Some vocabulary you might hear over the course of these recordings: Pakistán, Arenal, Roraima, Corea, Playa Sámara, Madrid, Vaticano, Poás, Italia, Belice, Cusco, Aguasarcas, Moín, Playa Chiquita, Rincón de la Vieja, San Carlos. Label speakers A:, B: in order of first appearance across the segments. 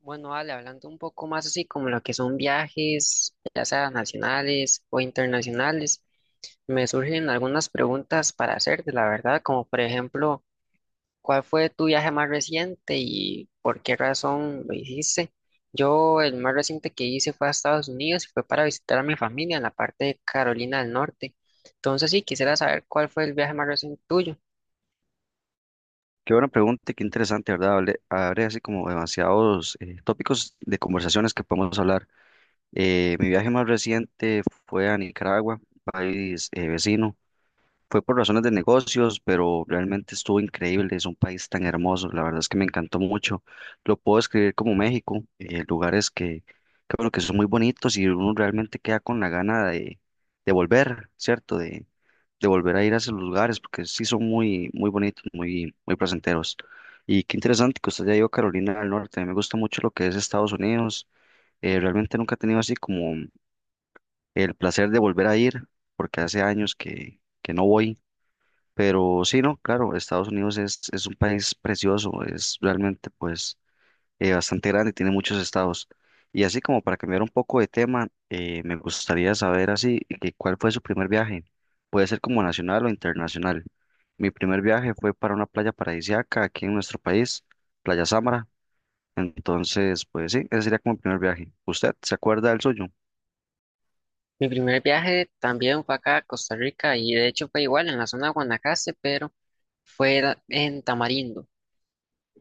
A: Bueno, Ale, hablando un poco más así como lo que son viajes, ya sea nacionales o internacionales, me surgen algunas preguntas para hacerte, la verdad, como por ejemplo, ¿cuál fue tu viaje más reciente y por qué razón lo hiciste? Yo el más reciente que hice fue a Estados Unidos y fue para visitar a mi familia en la parte de Carolina del Norte. Entonces sí, quisiera saber cuál fue el viaje más reciente tuyo.
B: Qué buena pregunta, y qué interesante, ¿verdad? Abre así como demasiados tópicos de conversaciones que podemos hablar. Mi viaje más reciente fue a Nicaragua, país vecino. Fue por razones de negocios, pero realmente estuvo increíble. Es un país tan hermoso. La verdad es que me encantó mucho. Lo puedo describir como México, lugares bueno, que son muy bonitos y uno realmente queda con la gana de volver, ¿cierto? De volver a ir a esos lugares porque sí son muy, muy bonitos, muy, muy placenteros. Y qué interesante que usted ya ido a Carolina del Norte. A mí me gusta mucho lo que es Estados Unidos. Realmente nunca he tenido así como el placer de volver a ir porque hace años que no voy, pero sí, no, claro, es un país precioso, es realmente pues bastante grande, tiene muchos estados. Y así como para cambiar un poco de tema, me gustaría saber así, que ¿cuál fue su primer viaje? Puede ser como nacional o internacional. Mi primer viaje fue para una playa paradisíaca aquí en nuestro país, Playa Sámara. Entonces, pues sí, ese sería como el primer viaje. ¿Usted se acuerda del suyo?
A: Mi primer viaje también fue acá a Costa Rica y de hecho fue igual en la zona de Guanacaste, pero en Tamarindo.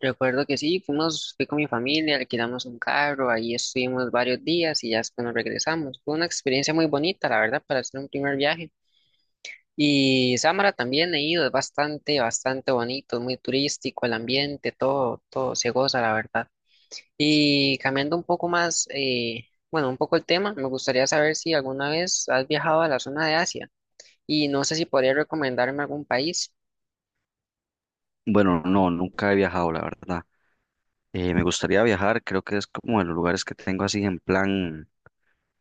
A: Recuerdo que sí, fui con mi familia, alquilamos un carro, ahí estuvimos varios días y ya después nos regresamos. Fue una experiencia muy bonita, la verdad, para hacer un primer viaje. Y Samara también he ido, es bastante, bastante bonito, es muy turístico, el ambiente, todo, todo se goza, la verdad. Y cambiando un poco más, bueno, un poco el tema, me gustaría saber si alguna vez has viajado a la zona de Asia. Y no sé si podría recomendarme algún país.
B: Bueno, no, nunca he viajado, la verdad. Me gustaría viajar, creo que es como de los lugares que tengo así en plan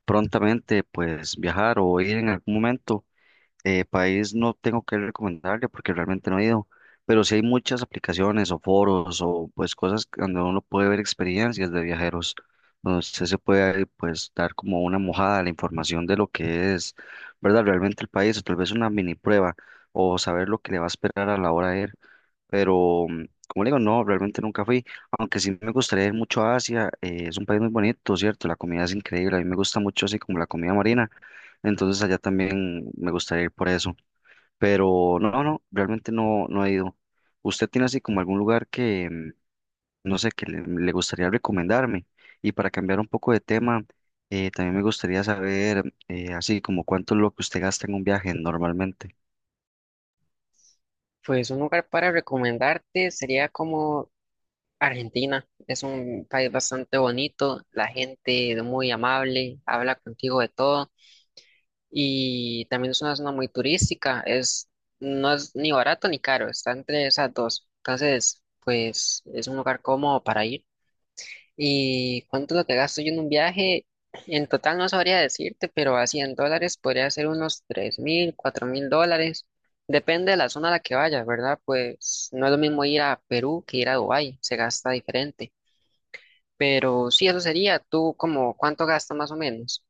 B: prontamente, pues viajar o ir en algún momento. País no tengo que recomendarle porque realmente no he ido, pero sí hay muchas aplicaciones o foros o pues cosas donde uno puede ver experiencias de viajeros, donde usted se puede pues dar como una mojada a la información de lo que es, ¿verdad? Realmente el país o tal vez una mini prueba o saber lo que le va a esperar a la hora de ir, pero como le digo, no, realmente nunca fui, aunque sí me gustaría ir mucho a Asia, es un país muy bonito, ¿cierto? La comida es increíble, a mí me gusta mucho así como la comida marina, entonces allá también me gustaría ir por eso, pero no, no, realmente no, no he ido. ¿Usted tiene así como algún lugar que, mm, no sé, le gustaría recomendarme? Y para cambiar un poco de tema, también me gustaría saber, así como cuánto es lo que usted gasta en un viaje normalmente.
A: Pues un lugar para recomendarte sería como Argentina. Es un país bastante bonito, la gente es muy amable, habla contigo de todo y también es una zona muy turística. No es ni barato ni caro, está entre esas dos. Entonces, pues es un lugar cómodo para ir. ¿Y cuánto es lo que gasto yo en un viaje? En total no sabría decirte, pero a $100 podría ser unos 3.000, $4.000. Depende de la zona a la que vayas, ¿verdad? Pues no es lo mismo ir a Perú que ir a Dubái, se gasta diferente. Pero sí, eso sería. ¿Tú como cuánto gastas más o menos?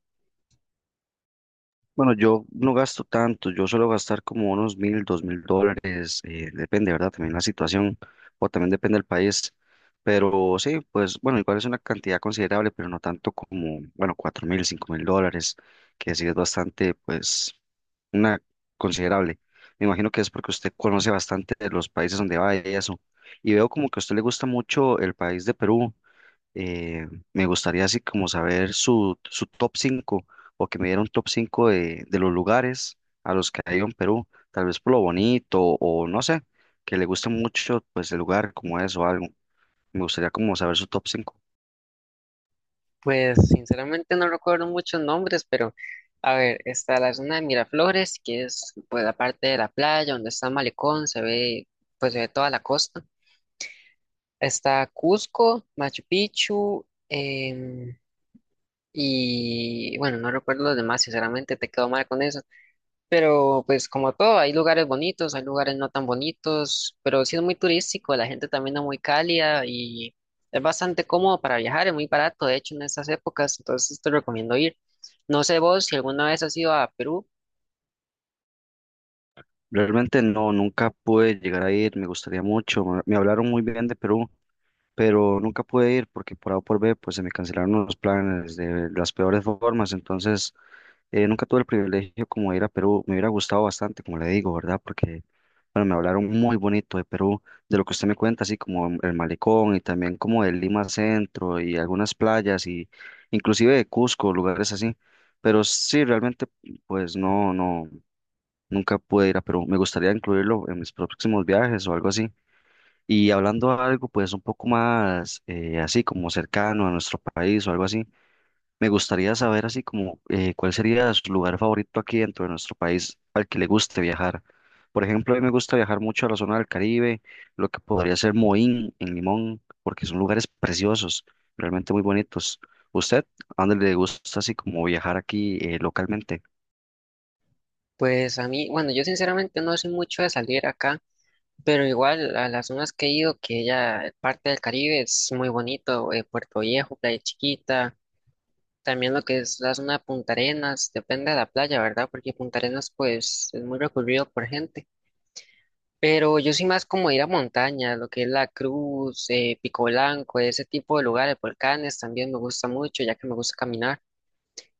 B: Bueno, yo no gasto tanto, yo suelo gastar como unos mil, dos mil dólares, depende, ¿verdad? También la situación, o también depende del país, pero sí, pues bueno, igual es una cantidad considerable, pero no tanto como, bueno, cuatro mil, cinco mil dólares, que sí es bastante, pues, una considerable. Me imagino que es porque usted conoce bastante de los países donde va y eso, y veo como que a usted le gusta mucho el país de Perú, eh, me gustaría así como saber su top cinco, o que me diera un top 5 de los lugares a los que ha ido en Perú, tal vez por lo bonito o no sé, que le guste mucho pues el lugar como es o algo. Me gustaría como saber su top cinco.
A: Pues sinceramente no recuerdo muchos nombres, pero a ver, está la zona de Miraflores, que es pues la parte de la playa donde está el malecón, se ve toda la costa. Está Cusco, Machu Picchu, y bueno, no recuerdo los demás, sinceramente te quedo mal con eso. Pero pues como todo, hay lugares bonitos, hay lugares no tan bonitos, pero sí es muy turístico, la gente también es muy cálida y es bastante cómodo para viajar, es muy barato, de hecho, en estas épocas, entonces te recomiendo ir. No sé vos si alguna vez has ido a Perú.
B: Realmente no, nunca pude llegar a ir, me gustaría mucho, me hablaron muy bien de Perú, pero nunca pude ir porque por A o por B pues se me cancelaron los planes de las peores formas. Entonces, nunca tuve el privilegio como de ir a Perú, me hubiera gustado bastante, como le digo, ¿verdad? Porque, bueno, me hablaron muy bonito de Perú, de lo que usted me cuenta, así como el malecón y también como de Lima Centro y algunas playas y inclusive de Cusco, lugares así. Pero sí, realmente, pues no, no, nunca pude ir a Perú. Me gustaría incluirlo en mis próximos viajes o algo así. Y hablando algo, pues un poco más, así como cercano a nuestro país o algo así. Me gustaría saber así como cuál sería su lugar favorito aquí dentro de nuestro país al que le guste viajar. Por ejemplo, a mí me gusta viajar mucho a la zona del Caribe, lo que podría ser Moín en Limón, porque son lugares preciosos, realmente muy bonitos. ¿Usted a dónde le gusta así como viajar aquí localmente?
A: Pues a mí, bueno, yo sinceramente no soy mucho de salir acá. Pero igual a las zonas que he ido, que ya parte del Caribe es muy bonito, Puerto Viejo, Playa Chiquita, también lo que es la zona de Punta Arenas, depende de la playa, ¿verdad? Porque Punta Arenas pues es muy recurrido por gente. Pero yo soy más como ir a montaña, lo que es La Cruz, Pico Blanco, ese tipo de lugares, volcanes también me gusta mucho, ya que me gusta caminar.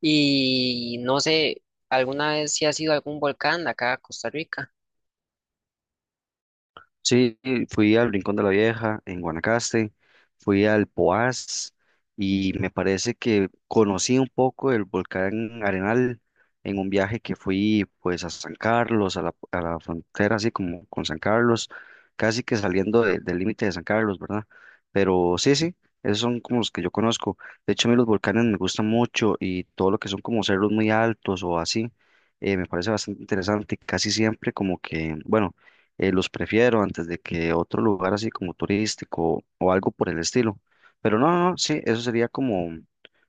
A: Y no sé, ¿alguna vez si has ido a algún volcán de acá a Costa Rica?
B: Sí, fui al Rincón de la Vieja en Guanacaste, fui al Poás y me parece que conocí un poco el volcán Arenal en un viaje que fui pues a San Carlos, a la frontera así como con San Carlos, casi que del límite de San Carlos, ¿verdad? Pero sí, sí, esos son como los que yo conozco. De hecho, a mí los volcanes me gustan mucho y todo lo que son como cerros muy altos o así, me parece bastante interesante, casi siempre como que, bueno, los prefiero antes de que otro lugar así como turístico o algo por el estilo. Pero no, no, no, sí, eso sería como,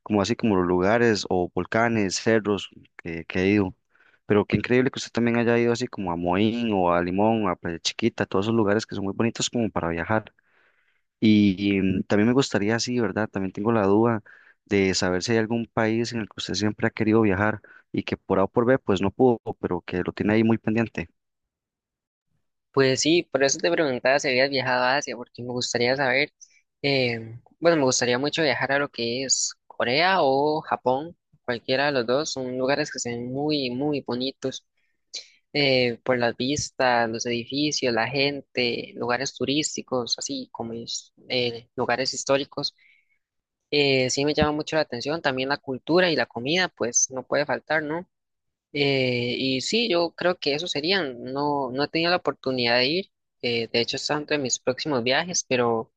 B: como así como los lugares o volcanes, cerros que he ido. Pero qué increíble que usted también haya ido así como a Moín o a Limón, a Playa Chiquita, todos esos lugares que son muy bonitos como para viajar. Y, mm, también me gustaría, así, ¿verdad? También tengo la duda de saber si hay algún país en el que usted siempre ha querido viajar y que por A o por B pues no pudo, pero que lo tiene ahí muy pendiente.
A: Pues sí, por eso te preguntaba si habías viajado a Asia, porque me gustaría saber, bueno, me gustaría mucho viajar a lo que es Corea o Japón, cualquiera de los dos, son lugares que se ven muy, muy bonitos, por las vistas, los edificios, la gente, lugares turísticos, así como es, lugares históricos. Sí me llama mucho la atención, también la cultura y la comida, pues no puede faltar, ¿no? Y sí, yo creo que eso serían. No, no he tenido la oportunidad de ir. De hecho, está dentro de mis próximos viajes, pero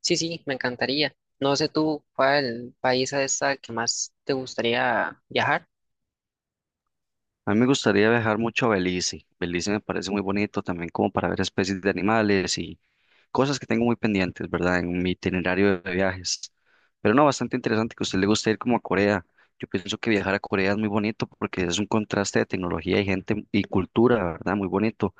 A: sí, sí, me encantaría. No sé tú cuál país es el que más te gustaría viajar.
B: A mí me gustaría viajar mucho a Belice. Belice me parece muy bonito también como para ver especies de animales y cosas que tengo muy pendientes, ¿verdad? En mi itinerario de viajes. Pero no, bastante interesante que a usted le guste ir como a Corea. Yo pienso que viajar a Corea es muy bonito porque es un contraste de tecnología y gente y cultura, ¿verdad? Muy bonito.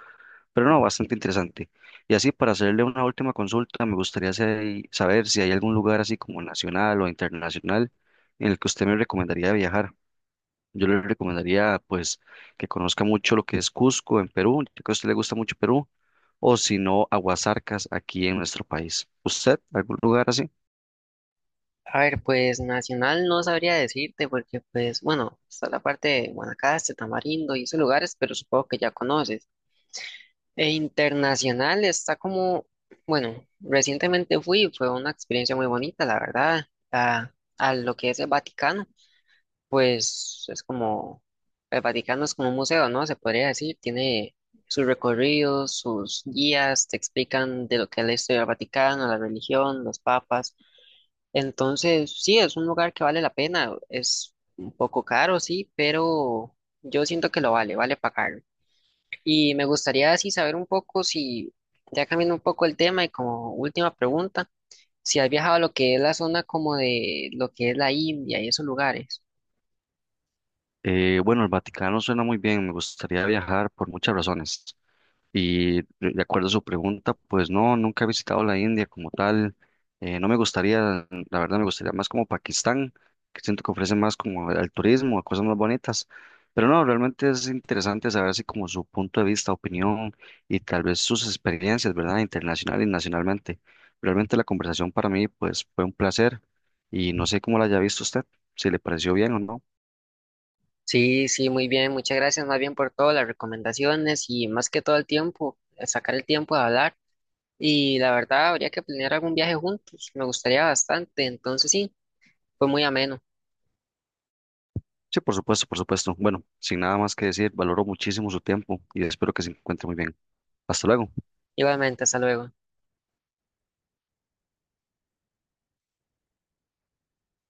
B: Pero no, bastante interesante. Y así, para hacerle una última consulta, me gustaría saber si hay algún lugar así como nacional o internacional en el que usted me recomendaría viajar. Yo le recomendaría, pues, que conozca mucho lo que es Cusco en Perú, ya que a usted le gusta mucho Perú, o si no, Aguasarcas aquí en nuestro país. ¿Usted, algún lugar así?
A: A ver, pues nacional no sabría decirte porque, pues, bueno, está la parte de Guanacaste, Tamarindo y esos lugares, pero supongo que ya conoces. E internacional está como, bueno, recientemente fue una experiencia muy bonita, la verdad, a, a lo que es el Vaticano. pues es como, el Vaticano es como un museo, ¿no? Se podría decir, tiene sus recorridos, sus guías, te explican de lo que es la historia del Vaticano, la religión, los papas. Entonces, sí, es un lugar que vale la pena, es un poco caro, sí, pero yo siento que lo vale, vale pagarlo. Y me gustaría así saber un poco si, ya cambiando un poco el tema y como última pregunta, si has viajado a lo que es la zona como de lo que es la India y esos lugares.
B: Bueno, el Vaticano suena muy bien, me gustaría viajar por muchas razones. Y de acuerdo a su pregunta, pues no, nunca he visitado la India como tal. No me gustaría, la verdad me gustaría más como Pakistán, que siento que ofrece más como al turismo, a cosas más bonitas. Pero no, realmente es interesante saber así como su punto de vista, opinión y tal vez sus experiencias, ¿verdad? Internacional y nacionalmente. Realmente la conversación para mí pues fue un placer y no sé cómo la haya visto usted, si le pareció bien o no.
A: Sí, sí, muy bien. Muchas gracias más bien por todas las recomendaciones y más que todo el tiempo, sacar el tiempo de hablar. Y la verdad, habría que planear algún viaje juntos. Me gustaría bastante. Entonces, sí, fue muy ameno.
B: Sí, por supuesto, por supuesto. Bueno, sin nada más que decir, valoro muchísimo su tiempo y espero que se encuentre muy bien. Hasta luego.
A: Igualmente, hasta luego.